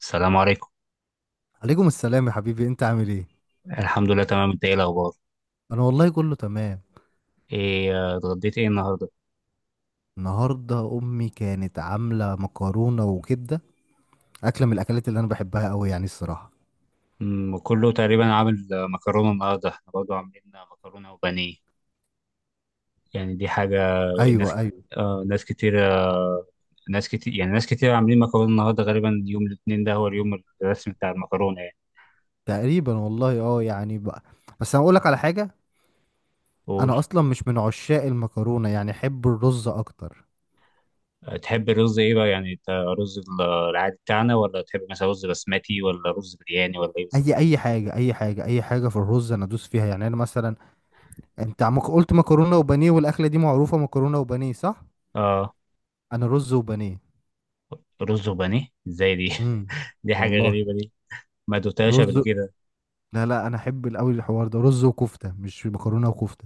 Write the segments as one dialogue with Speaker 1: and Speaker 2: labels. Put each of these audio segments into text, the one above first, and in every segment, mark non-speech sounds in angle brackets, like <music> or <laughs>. Speaker 1: السلام عليكم.
Speaker 2: عليكم السلام يا حبيبي، انت عامل ايه؟
Speaker 1: الحمد لله، تمام. انت ايه الاخبار؟
Speaker 2: انا والله كله تمام.
Speaker 1: ايه، اتغديت ايه النهارده؟
Speaker 2: النهارده امي كانت عامله مكرونه وكبده. اكله من الاكلات اللي انا بحبها قوي يعني، الصراحه.
Speaker 1: كله تقريبا عامل، مكرونه. النهارده احنا برضو عاملين مكرونه وبانيه. يعني دي حاجه
Speaker 2: ايوه،
Speaker 1: ناس،
Speaker 2: ايوه.
Speaker 1: آه ناس كتير، آه ناس كتير، يعني ناس كتير عاملين مكرونه النهارده، غالبا يوم الاثنين ده هو اليوم الرسمي بتاع المكرونه يعني.
Speaker 2: تقريبا والله، اه يعني بقى. بس انا اقول لك على حاجه.
Speaker 1: قول.
Speaker 2: انا اصلا مش من عشاق المكرونه يعني، احب الرز اكتر.
Speaker 1: تحب الرز ايه بقى؟ يعني انت رز العادي بتاعنا، ولا تحب مثلا رز بسمتي، ولا رز برياني، ولا ايه
Speaker 2: اي
Speaker 1: بالظبط؟
Speaker 2: اي حاجه، اي حاجه، اي حاجه في الرز انا ادوس فيها يعني. انا مثلا انت عم قلت مكرونه وبانيه، والاكله دي معروفه مكرونه وبانيه صح.
Speaker 1: اه.
Speaker 2: انا رز وبانيه.
Speaker 1: رز وبانيه ازاي دي؟
Speaker 2: امم
Speaker 1: <laughs> دي حاجه
Speaker 2: والله.
Speaker 1: غريبه دي. ما دوتهاش
Speaker 2: رز.
Speaker 1: قبل كده.
Speaker 2: لا لا، انا احب قوي الحوار ده، رز وكفته مش مكرونه وكفته.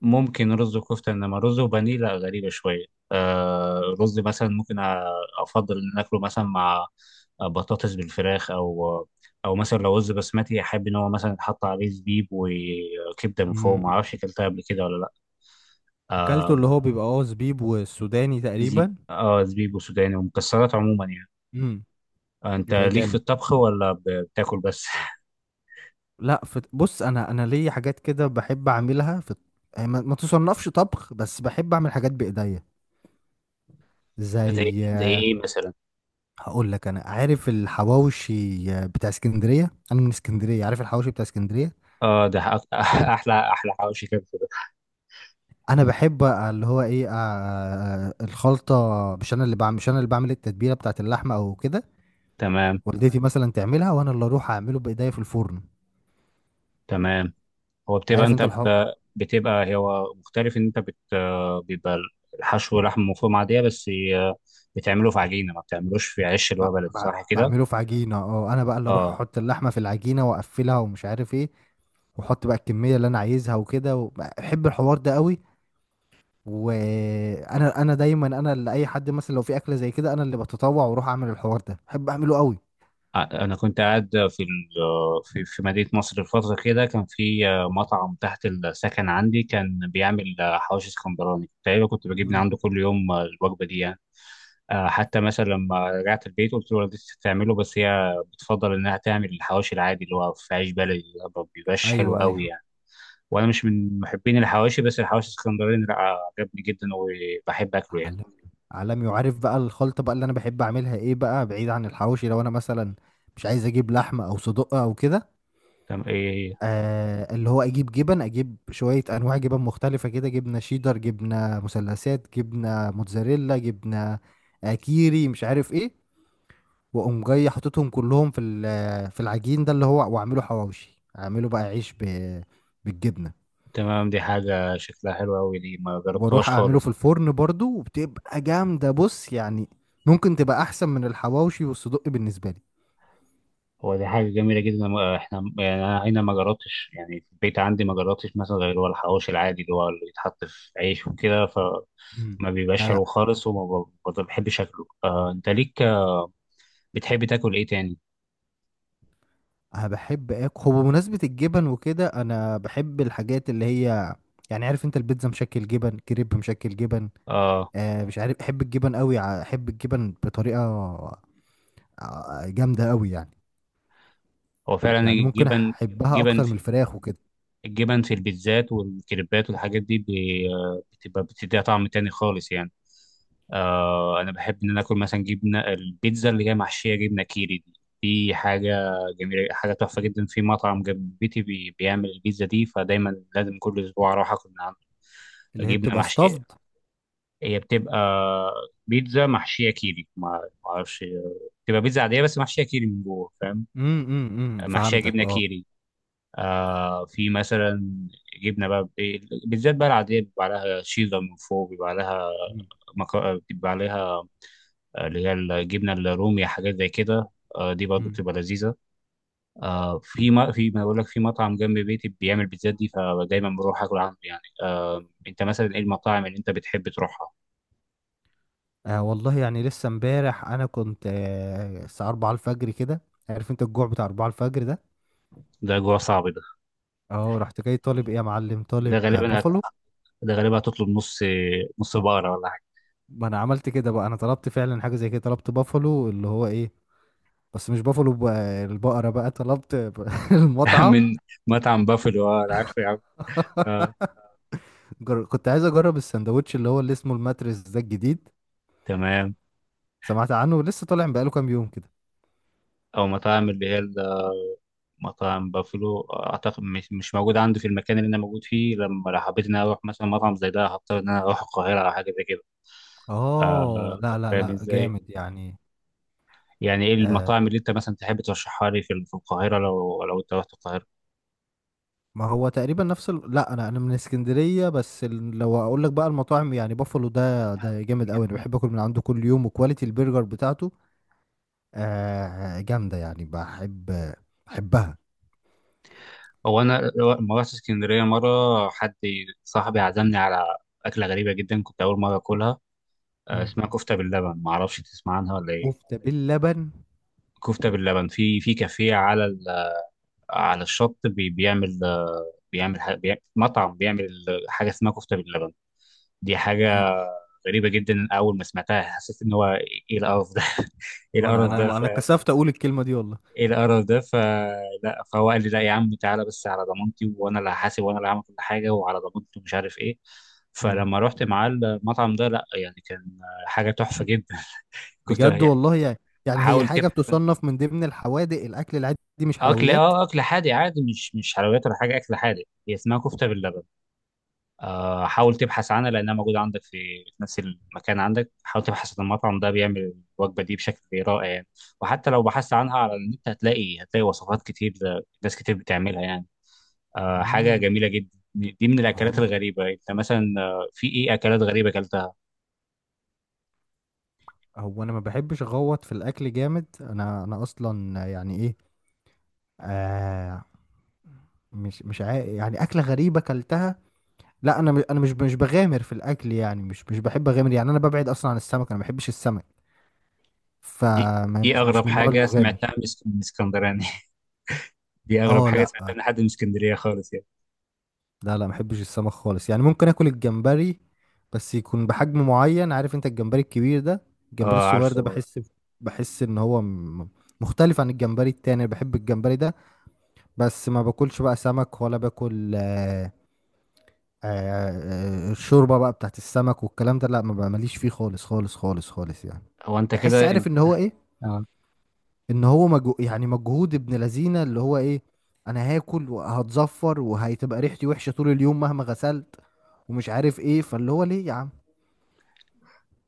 Speaker 1: ممكن رز وكفتة، إنما رز وبانيه لا، غريبة شوية. آه رز مثلا ممكن أفضل إن أكله مثلا مع بطاطس بالفراخ، أو أو مثلا لو رز بسمتي أحب إن هو مثلا يتحط عليه زبيب وكبدة من فوق.
Speaker 2: مم.
Speaker 1: معرفش أكلتها قبل كده ولا لأ.
Speaker 2: اكلته
Speaker 1: آه.
Speaker 2: اللي هو بيبقى اه زبيب والسوداني
Speaker 1: زيب
Speaker 2: تقريبا.
Speaker 1: آه زبيب وسوداني ومكسرات عموما يعني.
Speaker 2: امم
Speaker 1: أنت
Speaker 2: يبقى
Speaker 1: ليك في
Speaker 2: جامد.
Speaker 1: الطبخ، ولا بتاكل بس؟
Speaker 2: لا فت... بص، انا ليا حاجات كده بحب اعملها في، يعني ما تصنفش طبخ، بس بحب اعمل حاجات بايديا
Speaker 1: <laughs> زي
Speaker 2: زي،
Speaker 1: زي إيه مثلا؟
Speaker 2: هقول لك. انا عارف الحواوشي بتاع اسكندريه، انا من اسكندريه عارف الحواوشي بتاع اسكندريه.
Speaker 1: <laughs> أحلى أحلى حواوشي كده.
Speaker 2: انا بحب اللي هو ايه الخلطه. مش انا اللي بعمل التتبيله بتاعت اللحمه او كده،
Speaker 1: تمام.
Speaker 2: والدتي مثلا تعملها وانا اللي اروح اعمله بايديا في الفرن.
Speaker 1: تمام. هو بتبقى
Speaker 2: عارف
Speaker 1: انت
Speaker 2: انت الحق.
Speaker 1: ب- بتبقى هو مختلف ان انت بت بيبقى الحشو لحم مفروم عاديه، بس بتعمله في عجينه، ما بتعملوش في عيش اللي
Speaker 2: ب-
Speaker 1: هو بلدي،
Speaker 2: ب-
Speaker 1: صح كده؟
Speaker 2: بعمله في عجينه. اه انا بقى اللي اروح
Speaker 1: اه.
Speaker 2: احط اللحمه في العجينه واقفلها ومش عارف ايه، واحط بقى الكميه اللي انا عايزها وكده، و- بحب الحوار ده قوي. وانا دايما انا اللي، اي حد مثلا لو في اكله زي كده انا اللي بتطوع واروح اعمل الحوار ده، بحب اعمله قوي.
Speaker 1: انا كنت قاعد في ال- في في مدينه مصر الفتره كده. كان في مطعم تحت السكن عندي، كان بيعمل حواوشي اسكندراني. تقريبا كنت بجيب من
Speaker 2: مم.
Speaker 1: عنده كل يوم الوجبه دي يعني. حتى مثلا لما رجعت البيت قلت له والدتي بتعمله، بس هي بتفضل انها تعمل الحواوشي العادي اللي هو في عيش بلدي. ما بيبقاش حلو
Speaker 2: ايوه،
Speaker 1: قوي
Speaker 2: ايوه.
Speaker 1: يعني. وانا مش من محبين الحواشي، بس الحواشي الاسكندراني لا، عجبني جدا وبحب اكله يعني.
Speaker 2: عالمي. عالمي. وعارف بقى الخلطة بقى اللي أنا بحب أعملها إيه بقى، بعيد عن الحواوشي، لو أنا مثلا مش عايز أجيب لحمة أو صدق أو كده،
Speaker 1: تمام. ايه؟
Speaker 2: اللي هو اجيب جبن، اجيب شوية انواع جبن مختلفة كده، جبنة شيدر، جبنة مثلثات، جبنة موتزاريلا، جبنة كيري، مش عارف ايه. واقوم جاي حاططهم كلهم في العجين ده، اللي هو واعمله حواوشي، اعمله بقى عيش بالجبنة،
Speaker 1: تمام، دي حاجه شكلها حلو قوي دي، ما
Speaker 2: واروح
Speaker 1: جربتهاش
Speaker 2: اعمله في
Speaker 1: خالص.
Speaker 2: الفرن برضو، وبتبقى جامدة بص يعني. ممكن تبقى احسن من الحواوشي والصدق بالنسبة لي.
Speaker 1: هو دي حاجه جميله جدا. احنا يعني انا هنا ما جربتش، يعني في البيت عندي ما جربتش مثلا غير هو الحواوشي العادي، اللي هو اللي بيتحط في عيش وكده،
Speaker 2: مم.
Speaker 1: فما بيبقاش
Speaker 2: لا لا.
Speaker 1: حلو خالص، ما بحبش اكله. آه انت ليك بتحب تاكل ايه تاني؟
Speaker 2: انا بحب اكل، هو بمناسبه الجبن وكده انا بحب الحاجات اللي هي، يعني عارف انت، البيتزا مشكل جبن، كريب مشكل جبن،
Speaker 1: اه.
Speaker 2: مش عارف، احب الجبن قوي. احب الجبن بطريقه جامده قوي يعني.
Speaker 1: هو فعلا
Speaker 2: يعني ممكن
Speaker 1: الجبن،
Speaker 2: احبها
Speaker 1: جبن،
Speaker 2: اكتر من الفراخ وكده.
Speaker 1: الجبن في البيتزات والكريبات والحاجات دي بتبقى بتديها طعم تاني خالص يعني. آه انا بحب ان انا اكل مثلا جبنه البيتزا اللي هي محشيه جبنه كيري دي. دي حاجه جميله، حاجه تحفه جدا. في مطعم جنب بيتي بي بيعمل البيتزا دي، فدايما لازم كل اسبوع اروح اكل من عنده.
Speaker 2: اللي هي
Speaker 1: جبنه
Speaker 2: بتبقى
Speaker 1: محشيه،
Speaker 2: ستافد.
Speaker 1: هي بتبقى بيتزا محشيه كيري. ما ما اعرفش، بتبقى بيتزا عاديه بس محشيه كيري من جوه، فاهم؟
Speaker 2: إمم، إمم،
Speaker 1: محشيه
Speaker 2: فهمتك
Speaker 1: جبنه
Speaker 2: اه.
Speaker 1: كيري. آه في مثلا جبنه بقى بالذات بقى العاديه، بيبقى عليها شيدر من فوق، بيبقى عليها
Speaker 2: مم،
Speaker 1: مك... بيبقى عليها اللي هي الجبنه الرومي، حاجات زي كده. آه دي برضه
Speaker 2: مم.
Speaker 1: بتبقى لذيذه. آه في ما في ما بقول لك، في مطعم جنب بيتي بيعمل بيتزات دي، فدايما بروح اكل عنده يعني. انت مثلا ايه المطاعم اللي انت بتحب تروحها؟
Speaker 2: والله يعني لسه امبارح انا كنت الساعه 4 الفجر كده، عارف انت الجوع بتاع 4 الفجر ده؟
Speaker 1: ده جوه صعب ده.
Speaker 2: اه رحت جاي طالب ايه يا معلم،
Speaker 1: ده
Speaker 2: طالب
Speaker 1: غالبا هت...
Speaker 2: بافالو.
Speaker 1: ده غالبا هتطلب نص، نص بقره ولا حاجه؟
Speaker 2: ما انا عملت كده بقى، انا طلبت فعلا حاجه زي كده، طلبت بافالو اللي هو ايه، بس مش بافالو بقى، البقره بقى، طلبت <laughs>
Speaker 1: <laughs>
Speaker 2: المطعم.
Speaker 1: من مطعم بافلو. اه انا عارفه يا عم.
Speaker 2: <laughs>
Speaker 1: اه.
Speaker 2: كنت عايز اجرب السندوتش اللي هو اللي اسمه الماتريس ده الجديد.
Speaker 1: تمام.
Speaker 2: سمعت عنه لسه طالع بقاله كام يوم كده.
Speaker 1: او مطاعم اللي هي مطعم بافلو، اعتقد مش مش موجود عنده في المكان اللي انا موجود فيه. لما لو حبيت ان انا اروح مثلا مطعم زي ده، هضطر ان انا اروح القاهره او حاجه زي كده.
Speaker 2: اه
Speaker 1: آه،
Speaker 2: لا لا
Speaker 1: فاهم
Speaker 2: لا،
Speaker 1: ازاي.
Speaker 2: جامد يعني.
Speaker 1: يعني ايه
Speaker 2: آه
Speaker 1: المطاعم اللي انت مثلا تحب ترشحها لي في القاهره، لو لو انت رحت القاهره؟
Speaker 2: ما هو تقريبا نفس لا، انا من اسكندريه، بس لو اقول لك بقى المطاعم، يعني بافالو ده ده جامد قوي، انا بحب اكل من عنده كل يوم، وكواليتي البرجر بتاعته جامده يعني، بحب، بحبها.
Speaker 1: هو انا لما رحت اسكندريه مره، حد صاحبي عزمني على اكله غريبه جدا، كنت اول مره اكلها.
Speaker 2: مم.
Speaker 1: اسمها كفته باللبن، ما اعرفش تسمع عنها ولا ايه.
Speaker 2: كفتة باللبن
Speaker 1: كفته باللبن في في كافيه على على الشط بيعمل، مطعم بيعمل حاجه اسمها كفته باللبن. دي
Speaker 2: دي،
Speaker 1: حاجه غريبه جدا. اول ما سمعتها حسيت ان هو ايه القرف ده؟ <laughs> ايه
Speaker 2: وانا
Speaker 1: القرف
Speaker 2: انا
Speaker 1: ده؟ ف
Speaker 2: انا
Speaker 1: <laughs>
Speaker 2: كسفت اقول الكلمة دي والله.
Speaker 1: ايه القرف ده؟ فلا، فهو قال لي لا يا عم، تعالى بس على ضمانتي، وانا اللي هحاسب وانا اللي هعمل كل حاجه وعلى ضمانتي ومش عارف ايه.
Speaker 2: مم.
Speaker 1: فلما رحت معاه المطعم ده، لا يعني كان حاجه تحفه جدا. <laughs> كنت
Speaker 2: بجد
Speaker 1: يعني
Speaker 2: والله يعني. يعني هي
Speaker 1: حاول
Speaker 2: حاجة
Speaker 1: تبحث عن
Speaker 2: بتصنف من ضمن الحوادق، الأكل العادي مش
Speaker 1: اكل.
Speaker 2: حلويات.
Speaker 1: اه، اكل حادق عادي، مش مش حلويات ولا حاجه، اكل حادق هي اسمها كفته باللبن. حاول تبحث عنها، لانها موجوده عندك في في نفس المكان عندك. حاول تبحث عن المطعم ده بيعمل الوجبه دي بشكل رائع يعني. وحتى لو بحثت عنها على النت هتلاقي وصفات كتير. ناس كتير بتعملها يعني. حاجه
Speaker 2: مم.
Speaker 1: جميله جدا. دي من الاكلات
Speaker 2: عم-
Speaker 1: الغريبه. انت مثلا في ايه اكلات غريبه اكلتها؟
Speaker 2: هو أنا ما بحبش أغوط في الأكل جامد. أنا أصلا يعني إيه، آه مش يعني أكلة غريبة أكلتها. لا، أنا مش بغامر في الأكل يعني، مش بحب أغامر، يعني أنا ببعد أصلا عن السمك، أنا ما بحبش السمك.
Speaker 1: دي
Speaker 2: فمش
Speaker 1: ايه
Speaker 2: مش
Speaker 1: اغرب
Speaker 2: مش من النوع
Speaker 1: حاجه
Speaker 2: المغامر.
Speaker 1: سمعتها من من اسكندراني؟ <laughs> دي اغرب
Speaker 2: اه
Speaker 1: حاجه
Speaker 2: لا،
Speaker 1: سمعتها من حد من اسكندريه خالص يعني.
Speaker 2: لا ما بحبش السمك خالص يعني. ممكن اكل الجمبري، بس يكون بحجم معين، عارف انت الجمبري الكبير ده، الجمبري
Speaker 1: اه
Speaker 2: الصغير ده
Speaker 1: عارفه.
Speaker 2: بحس، بحس ان هو مختلف عن الجمبري التاني، بحب الجمبري ده. بس ما باكلش بقى سمك ولا باكل آه، الشوربة بقى بتاعت السمك والكلام ده لا، ما بقى- ماليش فيه خالص خالص خالص خالص يعني.
Speaker 1: هو انت
Speaker 2: بحس
Speaker 1: كده،
Speaker 2: عارف
Speaker 1: انت
Speaker 2: ان هو ايه، ان هو يعني مجهود ابن لذينه، اللي هو ايه، انا هاكل وهتزفر وهتبقى ريحتي وحشه طول اليوم مهما غسلت، ومش عارف ايه، فاللي هو ليه يا عم.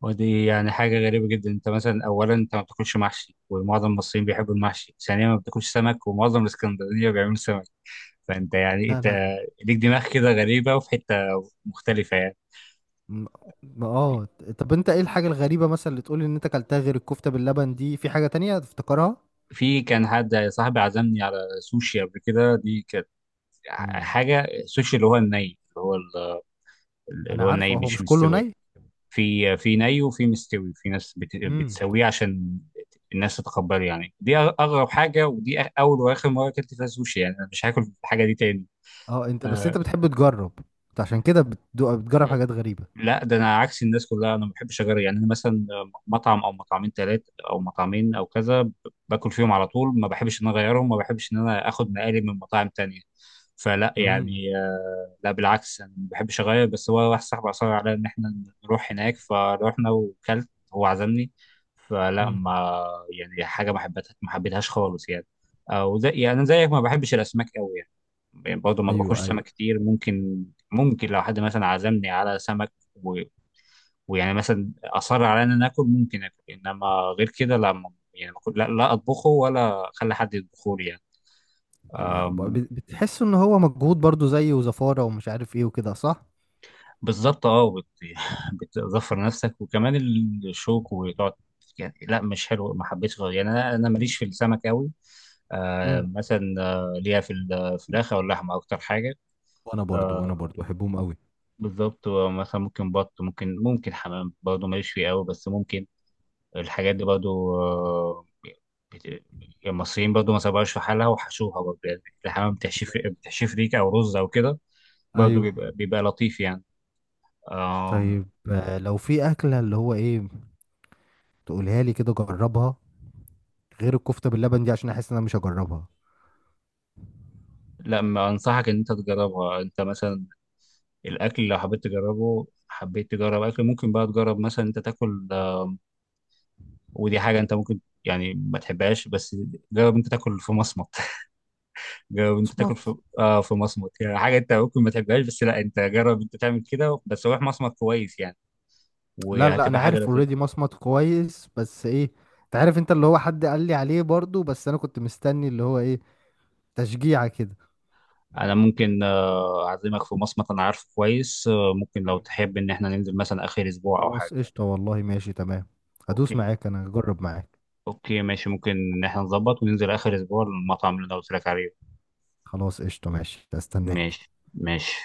Speaker 1: ودي يعني حاجة غريبة جدا. انت مثلا اولا انت ما بتاكلش محشي، ومعظم المصريين بيحبوا المحشي. ثانيا ما بتاكلش سمك، ومعظم الاسكندرانية بيعملوا سمك. فانت يعني
Speaker 2: لا
Speaker 1: انت
Speaker 2: لا.
Speaker 1: ليك دماغ كده غريبة وفي حتة مختلفة يعني.
Speaker 2: م-
Speaker 1: في
Speaker 2: اه. طب انت ايه الحاجه الغريبه مثلا اللي تقولي ان انت كلتها غير الكفته باللبن دي؟ في حاجه تانية تفتكرها؟
Speaker 1: في كان حد صاحبي عزمني على سوشي قبل كده. دي كانت
Speaker 2: مم.
Speaker 1: حاجة سوشي اللي هو الني، اللي
Speaker 2: انا
Speaker 1: هو الني
Speaker 2: عارفه هو
Speaker 1: مش
Speaker 2: مش كله
Speaker 1: مستوي.
Speaker 2: ني.
Speaker 1: في في ني وفي مستوي، في ناس
Speaker 2: امم
Speaker 1: بتسويه عشان الناس تتقبله يعني. دي اغرب حاجه. ودي اول واخر مره اكلت فيها سوشي يعني. انا مش هاكل الحاجه دي تاني.
Speaker 2: اه. انت بس
Speaker 1: آه،
Speaker 2: انت بتحب تجرب، انت عشان كده بتجرب حاجات غريبه.
Speaker 1: لا ده انا عكس الناس كلها. انا ما بحبش اجرب يعني. انا مثلا مطعم او مطعمين، ثلاثه او مطعمين او كذا، باكل فيهم على طول. ما بحبش ان انا اغيرهم، ما بحبش ان انا اخد مقالب من مطاعم تانية. فلا
Speaker 2: مم.
Speaker 1: يعني، لا بالعكس انا ما بحبش اغير، بس هو واحد صاحبي اصر على ان احنا نروح هناك. فروحنا وكلت، هو عزمني. فلا
Speaker 2: امم
Speaker 1: ما يعني حاجه، ما حبيتهاش خالص يعني. او زي يعني أنا زيك ما بحبش الاسماك قوي يعني. يعني برضه ما باكلش
Speaker 2: ايوه،
Speaker 1: سمك
Speaker 2: ايوه.
Speaker 1: كتير. ممكن لو حد مثلا عزمني على سمك و... ويعني مثلا اصر على ان انا اكل، ممكن اكل. انما غير كده لا، يعني ما كنت- لا, لا اطبخه ولا اخلي حد يطبخه لي يعني. أم،
Speaker 2: بتحس ان هو مجهود برضو، زي وزفارة ومش عارف ايه وكده صح؟
Speaker 1: بالظبط. <laughs> بتظفر نفسك، وكمان الشوك، وتقعد يعني. لا مش حلو، ما حبيتش، غير يعني انا انا ماليش في السمك قوي. آه
Speaker 2: امم
Speaker 1: مثلا، آه ليها في الفراخ او اللحمه اكتر حاجه.
Speaker 2: وانا برضو وانا
Speaker 1: آه،
Speaker 2: برضو بحبهم قوي.
Speaker 1: بالظبط. مثلا ممكن ممكن حمام برضه ماليش فيه قوي، بس ممكن. الحاجات دي برضو، بت- المصريين برضو ما سابوهاش في حالها، وحشوها برضو يعني. الحمام بتحشيف، بتحشيف ريكة أو رز أو كده. برضو
Speaker 2: ايوه.
Speaker 1: بيبقى، بيبقى لطيف يعني. آه.
Speaker 2: طيب لو في اكله اللي هو ايه، تقولها لي كده جربها، غير الكفته باللبن دي، عشان احس ان انا مش هجربها.
Speaker 1: لا، ما أنصحك إن أنت تجربها. أنت مثلا الأكل لو حبيت تجربه، حبيت تجرب أكل، ممكن بقى تجرب مثلا أنت تاكل، ودي حاجة أنت ممكن يعني ما تحبهاش، بس جرب أنت تاكل في مصمت. <laughs> جرب أنت تاكل
Speaker 2: مصمت.
Speaker 1: في في مصمت، يعني حاجة أنت ممكن ما تحبهاش، بس لا، أنت جرب أنت تعمل كده، بس روح مصمت كويس يعني.
Speaker 2: لا لا، انا
Speaker 1: وهتبقى حاجة
Speaker 2: عارف
Speaker 1: لطيفة.
Speaker 2: اوريدي مصمت كويس، بس ايه، انت عارف انت اللي هو، حد قال لي عليه برضو بس انا كنت مستني اللي هو ايه، تشجيعه كده.
Speaker 1: أنا ممكن أعزمك في مصمت، أنا عارفه كويس، ممكن لو
Speaker 2: مم.
Speaker 1: تحب إن إحنا ننزل مثلا آخر أسبوع أو حاجة.
Speaker 2: خلاص قشطه والله، ماشي تمام، هدوس
Speaker 1: أوكي.
Speaker 2: معاك، انا هجرب معاك.
Speaker 1: أوكي ماشي، ممكن إن إحنا نظبط وننزل آخر أسبوع للمطعم اللي أنا قلت لك عليه.
Speaker 2: خلاص قشطة، ماشي، استناك.
Speaker 1: ماشي ماشي.